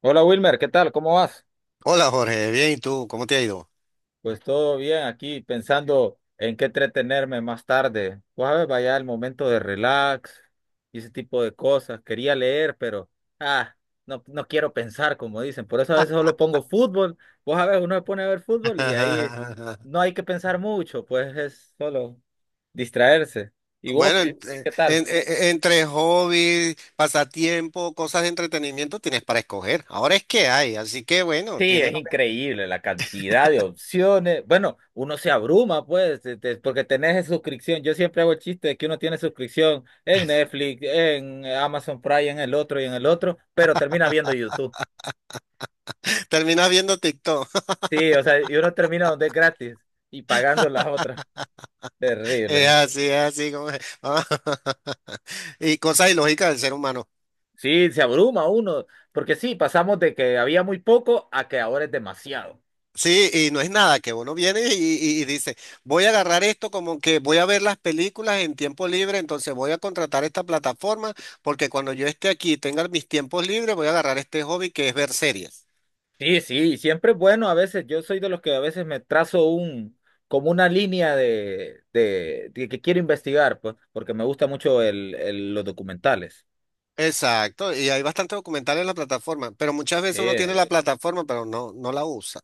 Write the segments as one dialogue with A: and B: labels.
A: Hola Wilmer, ¿qué tal? ¿Cómo vas?
B: Hola Jorge, bien, ¿y tú? ¿Cómo te ha ido?
A: Pues todo bien aquí pensando en qué entretenerme más tarde. Pues a ver, vaya el momento de relax y ese tipo de cosas. Quería leer, pero ah, no, no quiero pensar, como dicen. Por eso a veces solo pongo fútbol. Pues a ver, uno se pone a ver fútbol y ahí no hay que pensar mucho, pues es solo distraerse. ¿Y vos
B: Bueno,
A: qué, qué qué tal?
B: entre hobbies, pasatiempo, cosas de entretenimiento tienes para escoger. Ahora es que hay, así que bueno,
A: Sí,
B: tienes,
A: es increíble la cantidad de opciones. Bueno, uno se abruma, pues, porque tenés suscripción. Yo siempre hago el chiste de que uno tiene suscripción en Netflix, en Amazon Prime, en el otro y en el otro, pero termina viendo YouTube.
B: terminas viendo TikTok.
A: Sí, o sea, y uno termina donde es gratis y pagando las otras. Terrible.
B: Es así como es. Y cosas ilógicas del ser humano.
A: Sí, se abruma uno, porque sí, pasamos de que había muy poco a que ahora es demasiado.
B: Sí, y no es nada, que uno viene y dice, voy a agarrar esto como que voy a ver las películas en tiempo libre, entonces voy a contratar esta plataforma porque cuando yo esté aquí y tenga mis tiempos libres, voy a agarrar este hobby que es ver series.
A: Sí, sí, siempre es bueno a veces. Yo soy de los que a veces me trazo un, como una línea de, que quiero investigar, pues, porque me gusta mucho los documentales.
B: Exacto, y hay bastantes documentales en la plataforma, pero muchas veces uno tiene
A: Sí,
B: la plataforma, pero no, no la usa.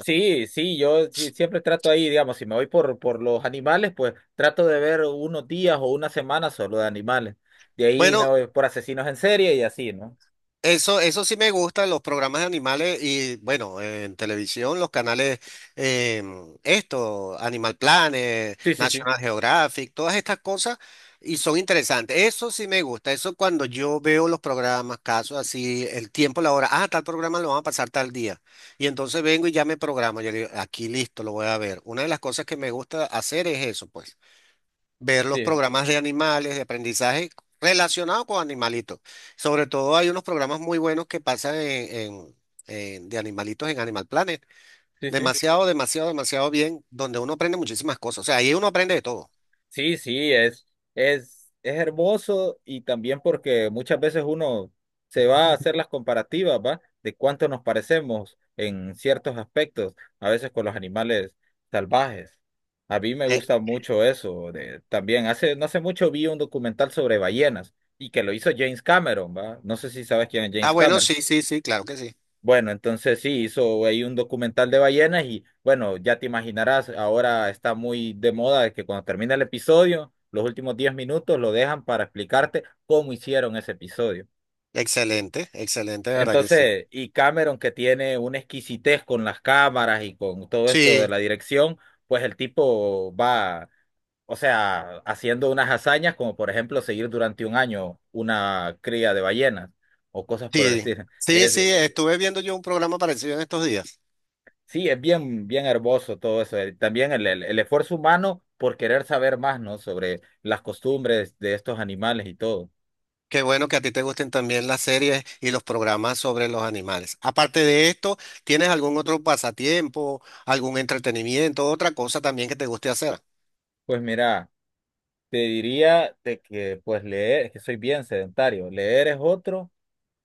A: sí, sí, siempre trato ahí, digamos, si me voy por los animales, pues trato de ver unos días o una semana solo de animales. De ahí me
B: Bueno.
A: voy por asesinos en serie y así, ¿no?
B: Eso sí me gusta, los programas de animales y bueno, en televisión, los canales, esto, Animal Planet,
A: Sí, sí, sí,
B: National Geographic, todas estas cosas y son interesantes. Eso sí me gusta, eso cuando yo veo los programas, casos así, el tiempo, la hora, ah, tal programa lo van a pasar tal día. Y entonces vengo y ya me programo, yo digo, aquí listo, lo voy a ver. Una de las cosas que me gusta hacer es eso, pues ver los
A: sí,
B: programas de animales, de aprendizaje relacionado con animalitos. Sobre todo hay unos programas muy buenos que pasan de animalitos en Animal Planet.
A: sí, sí.
B: Demasiado, demasiado, demasiado bien, donde uno aprende muchísimas cosas. O sea, ahí uno aprende de todo.
A: Sí, sí, es hermoso. Y también porque muchas veces uno se va a hacer las comparativas, ¿va? De cuánto nos parecemos en ciertos aspectos, a veces con los animales salvajes. A mí me
B: Eh,
A: gusta mucho eso. También hace, no hace mucho vi un documental sobre ballenas y que lo hizo James Cameron, ¿va? No sé si sabes quién es James
B: bueno,
A: Cameron.
B: sí, sí, sí, claro que sí.
A: Bueno, entonces sí, hizo ahí un documental de ballenas y bueno, ya te imaginarás, ahora está muy de moda de que cuando termina el episodio, los últimos 10 minutos lo dejan para explicarte cómo hicieron ese episodio.
B: Excelente, excelente, de verdad que sí.
A: Entonces, y Cameron que tiene una exquisitez con las cámaras y con todo esto de
B: Sí,
A: la dirección, pues el tipo va, o sea, haciendo unas hazañas como por ejemplo seguir durante 1 año una cría de ballenas o cosas por el
B: sí,
A: estilo.
B: sí,
A: Es,
B: sí, estuve viendo yo un programa parecido en estos días.
A: Sí, es bien, bien hermoso todo eso. También el esfuerzo humano por querer saber más, ¿no? Sobre las costumbres de estos animales y todo.
B: Qué bueno que a ti te gusten también las series y los programas sobre los animales. Aparte de esto, ¿tienes algún otro pasatiempo, algún entretenimiento, otra cosa también que te guste hacer?
A: Pues mira, te diría de que pues leer, es que soy bien sedentario. Leer es otro,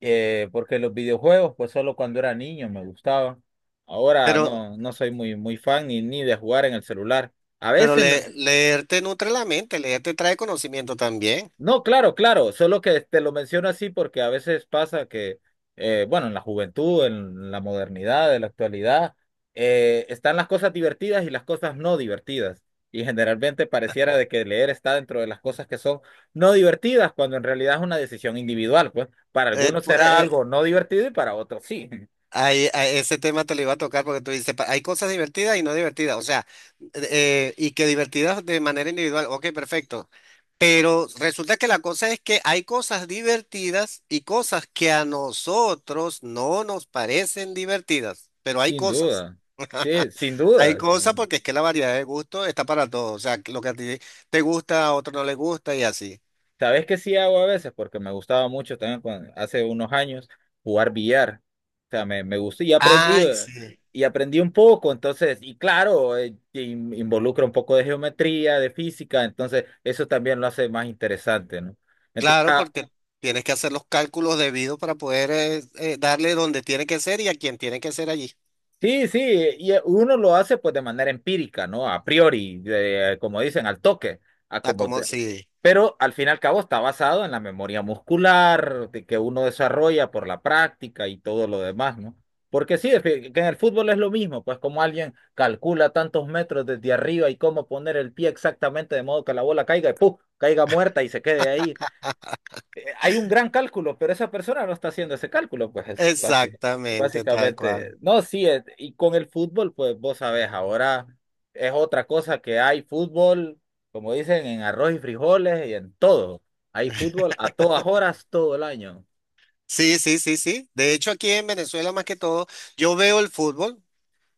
A: porque los videojuegos, pues solo cuando era niño me gustaban. Ahora
B: Pero,
A: no, no soy muy, muy fan ni, ni de jugar en el celular. A
B: pero
A: veces lo-
B: le- leer te nutre la mente, leer te trae conocimiento también.
A: No, claro, claro, solo que te lo menciono así porque a veces pasa que, bueno, en la juventud, en la modernidad, en la actualidad, están las cosas divertidas y las cosas no divertidas. Y generalmente pareciera de que leer está dentro de las cosas que son no divertidas, cuando en realidad es una decisión individual, pues para
B: Eh,
A: algunos
B: pu-
A: será
B: eh,
A: algo no divertido y para otros sí.
B: A ese tema te lo iba a tocar porque tú dices, pa- hay cosas divertidas y no divertidas, o sea, y que divertidas de manera individual, ok, perfecto, pero resulta que la cosa es que hay cosas divertidas y cosas que a nosotros no nos parecen divertidas, pero hay
A: Sin
B: cosas.
A: duda, sí, sin
B: Hay
A: duda. Sin
B: cosas
A: duda.
B: porque es que la variedad de gusto está para todos, o sea, lo que a ti te gusta, a otro no le gusta y así.
A: ¿Sabes qué sí hago a veces? Porque me gustaba mucho también hace unos años jugar billar. O sea, me gustó
B: Ay, sí.
A: y aprendí un poco. Entonces, y claro, involucra un poco de geometría, de física. Entonces, eso también lo hace más interesante, ¿no? Entonces,
B: Claro, porque tienes que hacer los cálculos debidos para poder darle donde tiene que ser y a quien tiene que ser allí.
A: sí, sí, y uno lo hace pues de manera empírica, ¿no? A priori, como dicen, al toque, a
B: A
A: como
B: como
A: te-
B: sí,
A: pero al fin y al cabo está basado en la memoria muscular de que uno desarrolla por la práctica y todo lo demás, ¿no? Porque sí, que en el fútbol es lo mismo, pues como alguien calcula tantos metros desde arriba y cómo poner el pie exactamente de modo que la bola caiga y ¡puf! Caiga muerta y se quede ahí. Hay un gran cálculo, pero esa persona no está haciendo ese cálculo, pues es
B: exactamente, tal
A: básicamente.
B: cual.
A: No, sí, y con el fútbol, pues vos sabés, ahora es otra cosa que hay fútbol, como dicen, en arroz y frijoles y en todo. Hay fútbol a todas horas, todo el año.
B: Sí, sí, sí, sí. De hecho, aquí en Venezuela, más que todo, yo veo el fútbol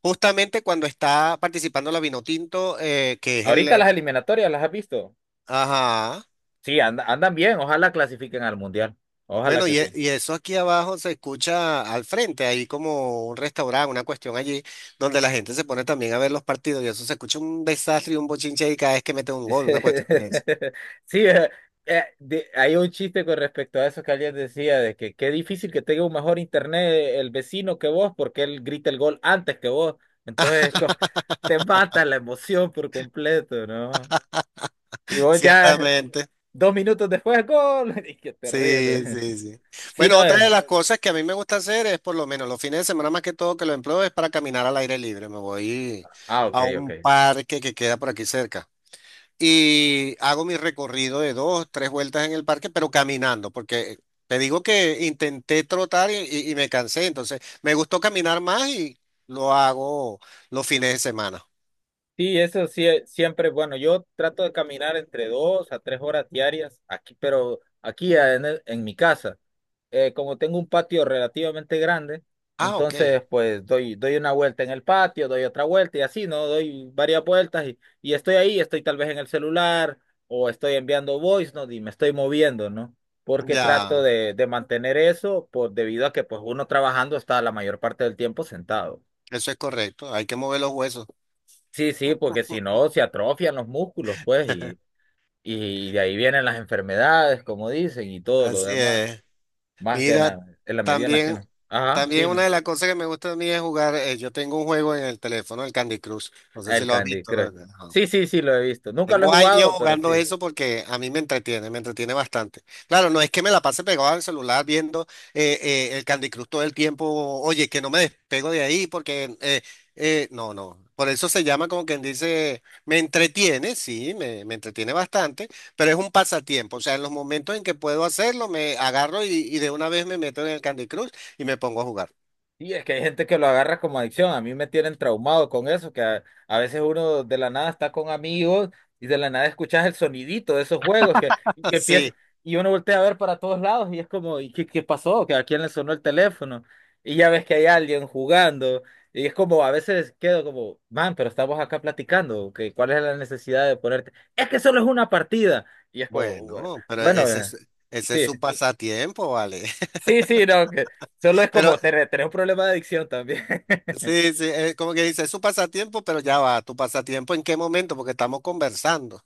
B: justamente cuando está participando la Vinotinto, que es el.
A: Ahorita las eliminatorias, ¿las has visto?
B: Ajá.
A: Sí, andan bien, ojalá clasifiquen al mundial. Ojalá
B: Bueno,
A: que sí.
B: y eso aquí abajo se escucha al frente, ahí como un restaurante, una cuestión allí, donde la gente se pone también a ver los partidos y eso se escucha un desastre y un bochinche ahí cada vez que mete un gol, una cuestión de eso.
A: Sí, hay un chiste con respecto a eso que alguien decía, de que qué difícil que tenga un mejor internet el vecino que vos, porque él grita el gol antes que vos. Entonces, te mata la emoción por completo, ¿no? Y vos ya
B: Ciertamente.
A: 2 minutos después, gol. Y qué
B: Sí,
A: terrible.
B: sí, sí.
A: Sí,
B: Bueno,
A: no
B: otra
A: es.
B: de las cosas que a mí me gusta hacer es por lo menos los fines de semana más que todo que lo empleo es para caminar al aire libre. Me voy
A: Ah, ok,
B: a
A: ok.
B: un parque que queda por aquí cerca. Y hago mi recorrido de dos, tres vueltas en el parque, pero caminando, porque te digo que intenté trotar y me cansé, entonces me gustó caminar más y lo hago los fines de semana.
A: Sí, eso sí, siempre, bueno, yo trato de caminar entre 2 a 3 horas diarias aquí, pero aquí en mi casa. Como tengo un patio relativamente grande,
B: Ah, ok,
A: entonces pues doy, doy una vuelta en el patio, doy otra vuelta y así, ¿no? Doy varias vueltas y estoy ahí, estoy tal vez en el celular o estoy enviando voice note y me estoy moviendo, ¿no? Porque trato
B: ya,
A: de mantener eso por, debido a que pues uno trabajando está la mayor parte del tiempo sentado.
B: eso es correcto, hay que mover los huesos.
A: Sí, sí, porque si no se atrofian los músculos, pues, y de ahí vienen las enfermedades, como dicen, y todo lo
B: Así
A: demás, ¿no?
B: es.
A: Más que
B: Mira,
A: en la medida en la que
B: también,
A: no. Ajá,
B: también una
A: dime.
B: de las cosas que me gusta a mí es jugar. Yo tengo un juego en el teléfono, el Candy Crush. No sé si
A: El
B: lo has
A: Candy
B: visto. Lo-
A: Crush.
B: ajá.
A: Sí, sí, sí, lo he visto. Nunca lo he
B: Tengo años
A: jugado, pero
B: jugando
A: sí.
B: eso porque a mí me entretiene bastante. Claro, no es que me la pase pegado al celular viendo el Candy Crush todo el tiempo, oye, que no me despego de ahí porque, no, no. Por eso se llama como quien dice, me entretiene, sí, me entretiene bastante, pero es un pasatiempo. O sea, en los momentos en que puedo hacerlo, me agarro y de una vez me meto en el Candy Crush y me pongo a jugar.
A: Y es que hay gente que lo agarra como adicción. A mí me tienen traumado con eso, que a veces uno de la nada está con amigos y de la nada escuchas el sonidito de esos juegos que, y que empieza,
B: Sí,
A: y uno voltea a ver para todos lados y es como, ¿y qué, qué pasó? ¿Que a quién le sonó el teléfono? Y ya ves que hay alguien jugando. Y es como, a veces quedo como, man, pero estamos acá platicando, que ¿cuál es la necesidad de ponerte? Es que solo es una partida. Y es como, bueno,
B: bueno, pero
A: bueno,
B: ese es
A: sí.
B: su pasatiempo, vale.
A: Sí, sí, no, que solo es
B: Pero
A: como tener, tener un problema de adicción también.
B: sí, sí, como que dice, es su pasatiempo, pero ya va, ¿tu pasatiempo en qué momento? Porque estamos conversando.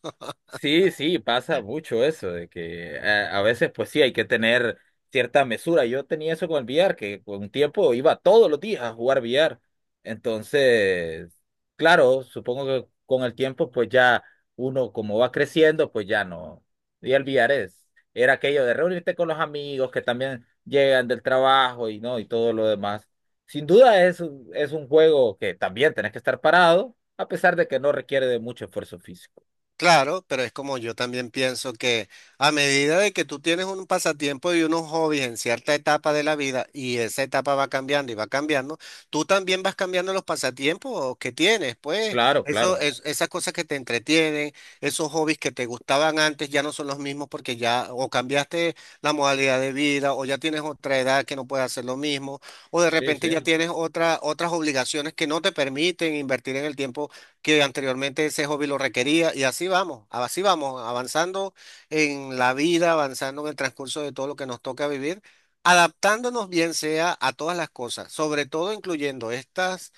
A: Sí, sí, pasa mucho eso, de que a veces pues sí hay que tener cierta mesura. Yo tenía eso con el billar, que con un tiempo iba todos los días a jugar billar. Entonces, claro, supongo que con el tiempo pues ya uno como va creciendo pues ya no. Y el billar es, era aquello de reunirte con los amigos que también llegan del trabajo y no, y todo lo demás. Sin duda es, es un juego que también tenés que estar parado, a pesar de que no requiere de mucho esfuerzo físico.
B: Claro, pero es como yo también pienso que a medida de que tú tienes un pasatiempo y unos hobbies en cierta etapa de la vida y esa etapa va cambiando y va cambiando, tú también vas cambiando los pasatiempos que tienes, pues
A: Claro,
B: eso,
A: claro.
B: es, esas cosas que te entretienen, esos hobbies que te gustaban antes ya no son los mismos porque ya o cambiaste la modalidad de vida o ya tienes otra edad que no puedes hacer lo mismo o de
A: Sí, sí.
B: repente ya tienes otra, otras obligaciones que no te permiten invertir en el tiempo que anteriormente ese hobby lo requería y así vamos, avanzando en la vida, avanzando en el transcurso de todo lo que nos toca vivir, adaptándonos bien sea a todas las cosas, sobre todo incluyendo estas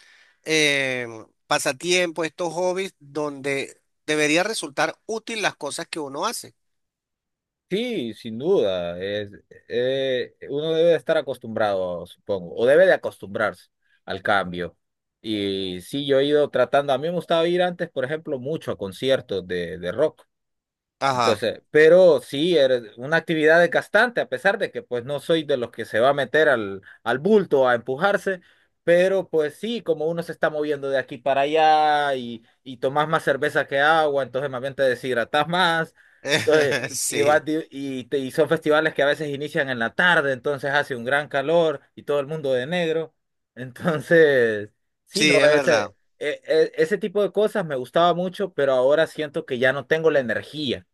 B: eh, pasatiempos, estos hobbies donde debería resultar útil las cosas que uno hace.
A: Sí, sin duda. Es, uno debe de estar acostumbrado, supongo, o debe de acostumbrarse al cambio. Y sí, yo he ido tratando, a mí me gustaba ir antes, por ejemplo, mucho a conciertos de rock.
B: Ajá,
A: Entonces, pero sí, eres una actividad desgastante, a pesar de que pues no soy de los que se va a meter al, al bulto a empujarse, pero pues sí, como uno se está moviendo de aquí para allá y tomas más cerveza que agua, entonces más bien te deshidratas más, entonces, y,
B: sí,
A: vas di- y, te- y son festivales que a veces inician en la tarde, entonces hace un gran calor y todo el mundo de negro, entonces, sí,
B: sí,
A: no,
B: es verdad.
A: ese tipo de cosas me gustaba mucho, pero ahora siento que ya no tengo la energía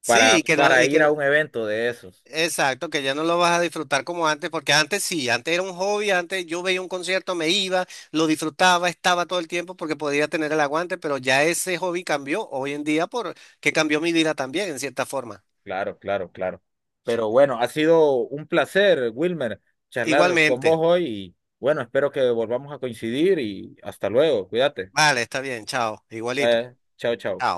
B: Sí, y que no,
A: para
B: y
A: ir
B: que
A: a un evento de esos.
B: exacto, que ya no lo vas a disfrutar como antes, porque antes sí, antes era un hobby, antes yo veía un concierto, me iba, lo disfrutaba, estaba todo el tiempo porque podía tener el aguante, pero ya ese hobby cambió hoy en día por que cambió mi vida también, en cierta forma.
A: Claro, claro, claro. Pero bueno, ha sido un placer, Wilmer, charlar con vos
B: Igualmente.
A: hoy y bueno, espero que volvamos a coincidir y hasta luego. Cuídate.
B: Vale, está bien, chao, igualito.
A: Chao, chao.
B: Chao.